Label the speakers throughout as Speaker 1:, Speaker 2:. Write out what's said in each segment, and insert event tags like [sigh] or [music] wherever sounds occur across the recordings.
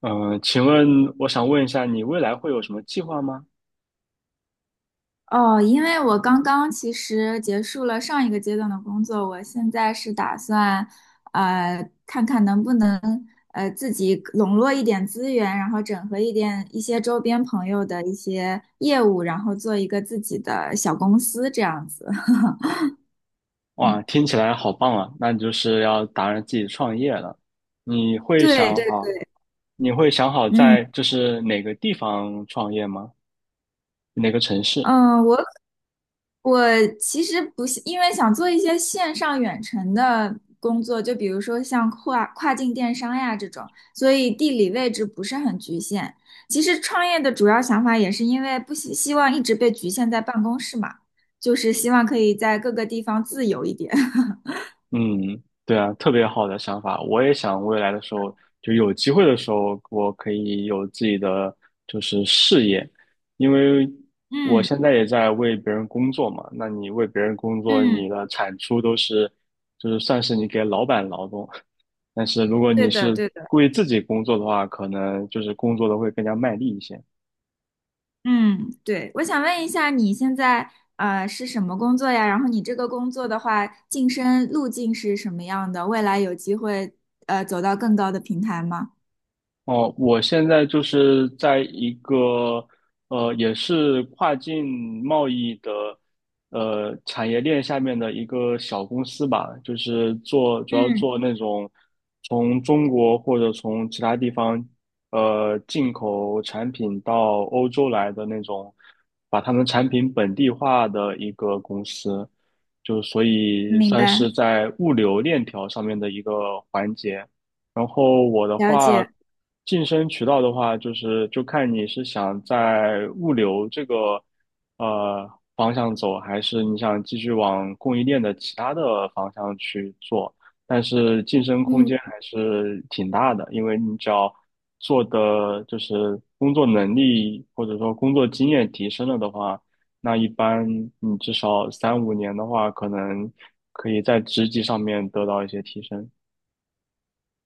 Speaker 1: 嗯，呃请问我想问一下，你未来会有什么计划吗？
Speaker 2: 哦，因为我刚刚其实结束了上一个阶段的工作，我现在是打算，看看能不能自己笼络一点资源，然后整合一点一些周边朋友的一些业务，然后做一个自己的小公司这样子。[laughs]
Speaker 1: 哇，听起来好棒啊！那你就是要打算自己创业了。你会
Speaker 2: 对
Speaker 1: 想
Speaker 2: 对
Speaker 1: 好，
Speaker 2: 对，
Speaker 1: 你会想好
Speaker 2: 嗯。
Speaker 1: 在就是哪个地方创业吗？哪个城市？
Speaker 2: 嗯，我其实不是，因为想做一些线上远程的工作，就比如说像跨境电商呀这种，所以地理位置不是很局限。其实创业的主要想法也是因为不希望一直被局限在办公室嘛，就是希望可以在各个地方自由一点。[laughs]
Speaker 1: 嗯，对啊，特别好的想法。我也想未来的时候，就有机会的时候，我可以有自己的事业，因为我
Speaker 2: 嗯
Speaker 1: 现在也在为别人工作嘛。那你为别人工作，
Speaker 2: 嗯，
Speaker 1: 你的产出都是，就是算是你给老板劳动。但是如果
Speaker 2: 对
Speaker 1: 你
Speaker 2: 的
Speaker 1: 是
Speaker 2: 对的。
Speaker 1: 为自己工作的话，可能就是工作的会更加卖力一些。
Speaker 2: 嗯，对，我想问一下，你现在是什么工作呀？然后你这个工作的话，晋升路径是什么样的？未来有机会走到更高的平台吗？
Speaker 1: 哦，我现在就是在一个也是跨境贸易的产业链下面的一个小公司吧，就是做主要
Speaker 2: 嗯，
Speaker 1: 做那种从中国或者从其他地方进口产品到欧洲来的那种，把他们产品本地化的一个公司，就所以
Speaker 2: 明
Speaker 1: 算
Speaker 2: 白。
Speaker 1: 是在物流链条上面的一个环节。然后我的
Speaker 2: 了解，
Speaker 1: 话，晋升渠道的话，就是就看你是想在物流这个呃方向走，还是你想继续往供应链的其他的方向去做。但是晋升空
Speaker 2: 嗯，
Speaker 1: 间还是挺大的，因为你只要做的就是工作能力或者说工作经验提升了的话，那一般你至少三五年的话，可能可以在职级上面得到一些提升。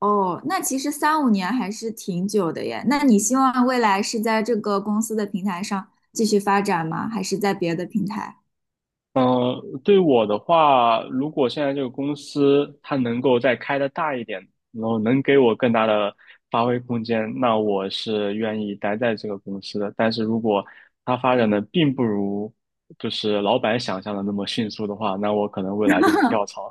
Speaker 2: 哦，那其实三五年还是挺久的耶。那你希望未来是在这个公司的平台上继续发展吗？还是在别的平台？
Speaker 1: 嗯，对我的话，如果现在这个公司它能够再开的大一点，然后能给我更大的发挥空间，那我是愿意待在这个公司的。但是如果它发展的并不如就是老板想象的那么迅速的话，那我可能未来就会跳槽。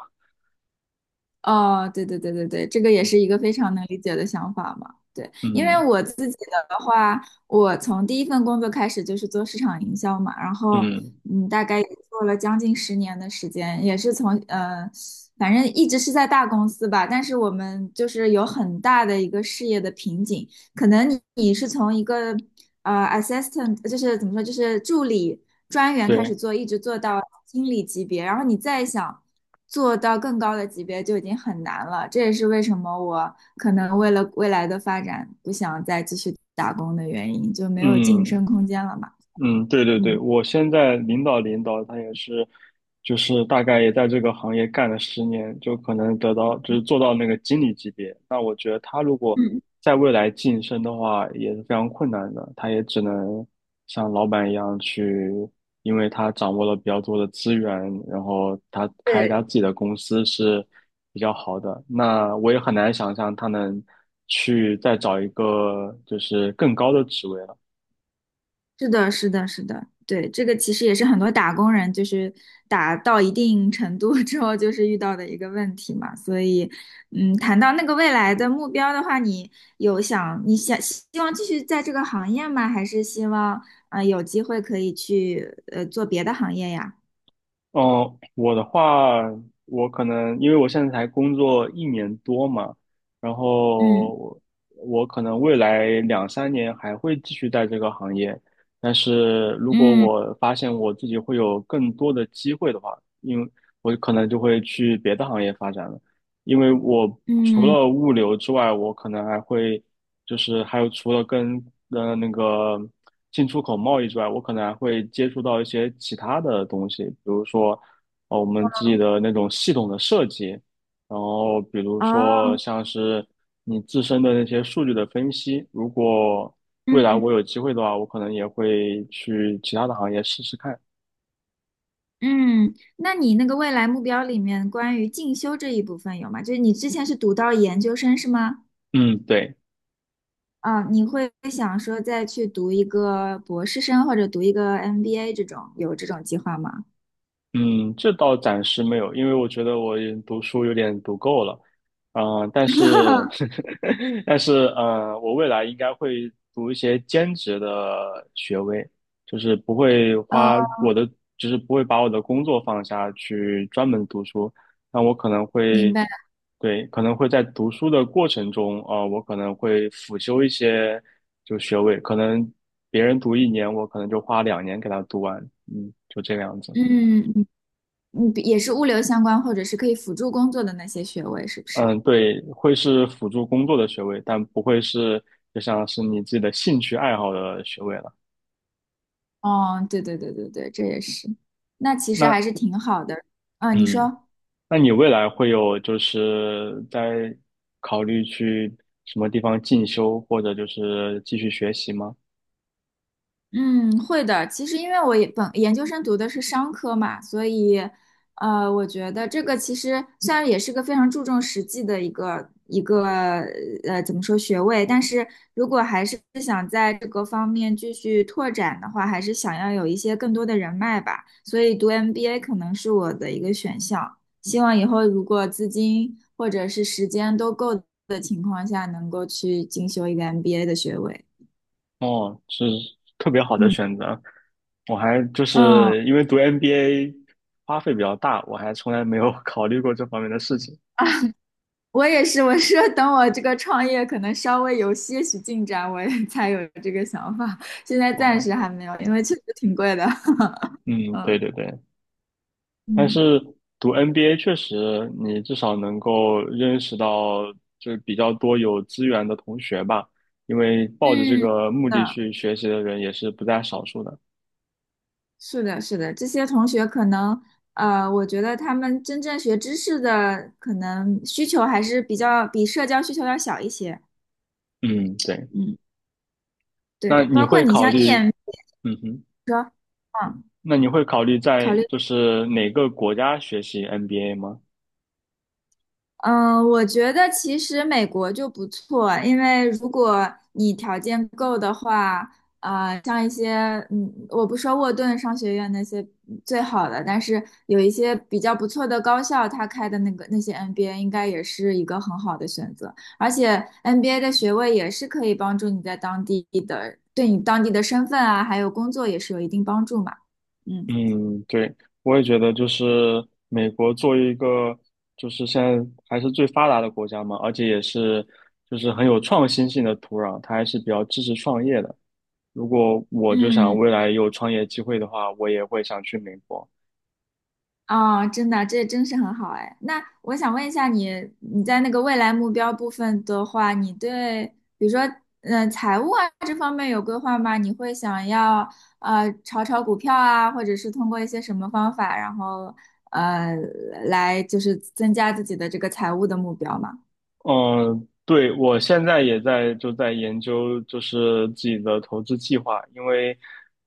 Speaker 2: 哦，对对对对对，这个也是一个非常能理解的想法嘛。对，因为
Speaker 1: 嗯
Speaker 2: 我自己的话，我从第一份工作开始就是做市场营销嘛，然后
Speaker 1: 嗯，
Speaker 2: 大概也做了将近10年的时间，也是从反正一直是在大公司吧，但是我们就是有很大的一个事业的瓶颈，可能你是从一个assistant，就是怎么说，就是助理专员开
Speaker 1: 对，
Speaker 2: 始做，一直做到经理级别，然后你再想做到更高的级别就已经很难了。这也是为什么我可能为了未来的发展不想再继续打工的原因，就没有晋
Speaker 1: 嗯。
Speaker 2: 升空间了嘛。
Speaker 1: 嗯，对对对，
Speaker 2: 嗯
Speaker 1: 我现在领导他也是，就是大概也在这个行业干了十年，就可能得到就是做到那个经理级别。那我觉得他如果
Speaker 2: 嗯，
Speaker 1: 在未来晋升的话，也是非常困难的，他也只能像老板一样去，因为他掌握了比较多的资源，然后他开一家
Speaker 2: 对，
Speaker 1: 自己的公司是比较好的。那我也很难想象他能去再找一个就是更高的职位了。
Speaker 2: 是的，是的，是的，对，这个其实也是很多打工人就是打到一定程度 [laughs] 之后就是遇到的一个问题嘛。所以，嗯，谈到那个未来的目标的话，你想希望继续在这个行业吗？还是希望有机会可以去做别的行业呀？
Speaker 1: 嗯，我的话，我可能因为我现在才工作一年多嘛，然
Speaker 2: 嗯
Speaker 1: 后我可能未来两三年还会继续在这个行业，但是如果
Speaker 2: 嗯
Speaker 1: 我发现我自己会有更多的机会的话，因为我可能就会去别的行业发展了。因为我除
Speaker 2: 嗯，
Speaker 1: 了物流之外，我可能还会就是还有除了跟呃那个进出口贸易之外，我可能还会接触到一些其他的东西，比如说我们自己的那种系统的设计，然后比如说
Speaker 2: 哦，
Speaker 1: 像是你自身的那些数据的分析，如果未来
Speaker 2: 嗯
Speaker 1: 我有机会的话，我可能也会去其他的行业试试看。
Speaker 2: 嗯，那你那个未来目标里面关于进修这一部分有吗？就是你之前是读到研究生是吗？
Speaker 1: 嗯，对。
Speaker 2: 啊，你会想说再去读一个博士生或者读一个 MBA 这种，有这种计划吗？
Speaker 1: 嗯，这倒暂时没有，因为我觉得我也读书有点读够了，啊，但是，[laughs] 但是，我未来应该会读一些兼职的学位，就是不会
Speaker 2: 呃，
Speaker 1: 花我的，就是不会把我的工作放下去专门读书，那我可能
Speaker 2: 明
Speaker 1: 会，
Speaker 2: 白。
Speaker 1: 对，可能会在读书的过程中，啊，我可能会辅修一些就学位，可能别人读一年，我可能就花两年给他读完，嗯，就这个样子。
Speaker 2: 嗯，你也是物流相关，或者是可以辅助工作的那些学位，是不是？
Speaker 1: 嗯，对，会是辅助工作的学位，但不会是就像是你自己的兴趣爱好的学位了。
Speaker 2: 哦，对对对对对，这也是。那其实
Speaker 1: 那
Speaker 2: 还是挺好的。嗯，你
Speaker 1: 嗯，
Speaker 2: 说。
Speaker 1: 那你未来会有就是在考虑去什么地方进修，或者就是继续学习吗？
Speaker 2: 嗯，会的。其实因为我也本研究生读的是商科嘛，所以，我觉得这个其实虽然也是个非常注重实际的一个怎么说学位，但是如果还是想在这个方面继续拓展的话，还是想要有一些更多的人脉吧。所以读 MBA 可能是我的一个选项。希望以后如果资金或者是时间都够的情况下，能够去进修一个 MBA 的学位。
Speaker 1: 哦，是特别好的
Speaker 2: 嗯。
Speaker 1: 选择。我还就
Speaker 2: 嗯，
Speaker 1: 是因为读 MBA 花费比较大，我还从来没有 [laughs] 考虑过这方面的事情。
Speaker 2: 我也是，我是等我这个创业可能稍微有些许进展，我也 [laughs] 才有这个想法。现在暂
Speaker 1: 哦，
Speaker 2: 时还没有，因为确实挺贵的。[laughs]
Speaker 1: 嗯，
Speaker 2: 嗯
Speaker 1: 对对对。但
Speaker 2: 嗯
Speaker 1: 是读 NBA 确实，你至少能够认识到就是比较多有资源的同学吧，因为抱着这
Speaker 2: 嗯，嗯，
Speaker 1: 个目的去学习的人也是不在少数的。
Speaker 2: 是的，是的，这些同学可能，我觉得他们真正学知识的可能需求还是比较比社交需求要小一些。
Speaker 1: 嗯，对。
Speaker 2: 嗯，
Speaker 1: 那
Speaker 2: 对，
Speaker 1: 你
Speaker 2: 包括
Speaker 1: 会
Speaker 2: 你
Speaker 1: 考
Speaker 2: 像 e
Speaker 1: 虑，
Speaker 2: M，
Speaker 1: 嗯哼，
Speaker 2: 嗯，
Speaker 1: 那你会考虑在
Speaker 2: 考虑。
Speaker 1: 就是哪个国家学习 NBA 吗？
Speaker 2: 嗯，我觉得其实美国就不错，因为如果你条件够的话，啊、像一些，嗯，我不说沃顿商学院那些最好的，但是有一些比较不错的高校，它开的那个那些 MBA 应该也是一个很好的选择，而且 MBA 的学位也是可以帮助你在当地的，对你当地的身份啊，还有工作也是有一定帮助嘛，嗯。
Speaker 1: 嗯，对，我也觉得就是美国作为一个就是现在还是最发达的国家嘛，而且也是就是很有创新性的土壤，它还是比较支持创业的。如果我就想
Speaker 2: 嗯。
Speaker 1: 未来有创业机会的话，我也会想去美国。
Speaker 2: 哦，真的，这真是很好哎。那我想问一下你，你在那个未来目标部分的话，你对比如说，嗯、财务啊这方面有规划吗？你会想要炒股票啊，或者是通过一些什么方法，然后呃来就是增加自己的这个财务的目标吗？
Speaker 1: 嗯，对，我现在也在就在研究，就是自己的投资计划，因为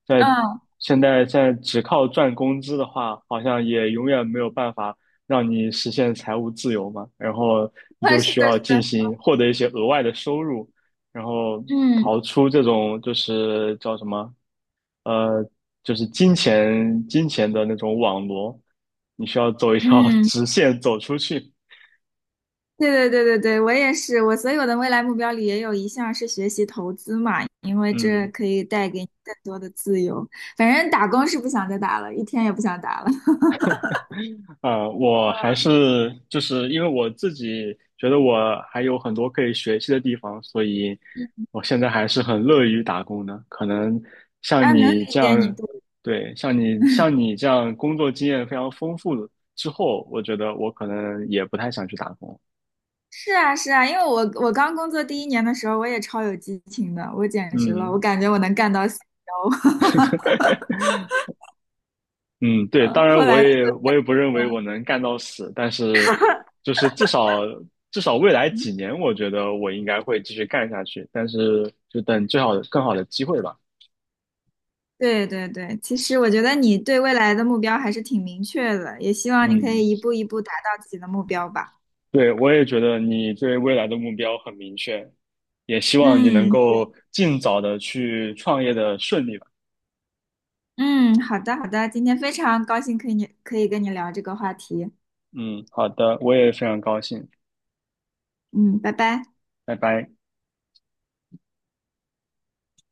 Speaker 1: 在
Speaker 2: 嗯，
Speaker 1: 现在只靠赚工资的话，好像也永远没有办法让你实现财务自由嘛。然后
Speaker 2: [laughs]
Speaker 1: 你
Speaker 2: 那
Speaker 1: 就
Speaker 2: 是
Speaker 1: 需
Speaker 2: 的，
Speaker 1: 要
Speaker 2: 是
Speaker 1: 进
Speaker 2: 的，
Speaker 1: 行获得一些额外的收入，然后
Speaker 2: 嗯
Speaker 1: 逃出这种就是叫什么，呃，就是金钱的那种网罗，你需要走一条 [laughs]
Speaker 2: 嗯，
Speaker 1: 直线走出去。
Speaker 2: 对对对对对，我也是，我所有的未来目标里也有一项是学习投资嘛，因为这
Speaker 1: 嗯，
Speaker 2: 可以带给你更多的自由。反正打工是不想再打了，一天也不想打了。
Speaker 1: 啊，我还是就是因为我自己觉得我还有很多可以学习的地方，所以
Speaker 2: [laughs]
Speaker 1: 我现在还是很乐于打工的。可能像
Speaker 2: 啊，能理
Speaker 1: 你这
Speaker 2: 解你，
Speaker 1: 样，
Speaker 2: 对，
Speaker 1: 对，像你这样工作经验非常丰富之后，我觉得我可能也不太想去打工。
Speaker 2: 是啊是啊，因为我刚工作第一年的时候，我也超有激情的，我简直了，
Speaker 1: 嗯
Speaker 2: 我感觉我能干到 CEO。[laughs]
Speaker 1: 嗯，对，当
Speaker 2: 后
Speaker 1: 然我
Speaker 2: 来
Speaker 1: 也我也不认为我能干到死，但是就是至少至少未来几
Speaker 2: [laughs]。
Speaker 1: 年，我觉得我应该会继续干下去，但是就等最好的更好的机会吧。
Speaker 2: 对对对，其实我觉得你对未来的目标还是挺明确的，也希望你可
Speaker 1: 嗯，
Speaker 2: 以一步一步达到自己的目标吧。
Speaker 1: 对，我也觉得你对未来的目标很明确，也希望你能
Speaker 2: 嗯。
Speaker 1: 够尽早的去创业的顺利吧。
Speaker 2: 嗯，好的好的，今天非常高兴可以跟你聊这个话题。
Speaker 1: 嗯，好的，我也非常高兴，
Speaker 2: 嗯，拜拜。
Speaker 1: 拜拜。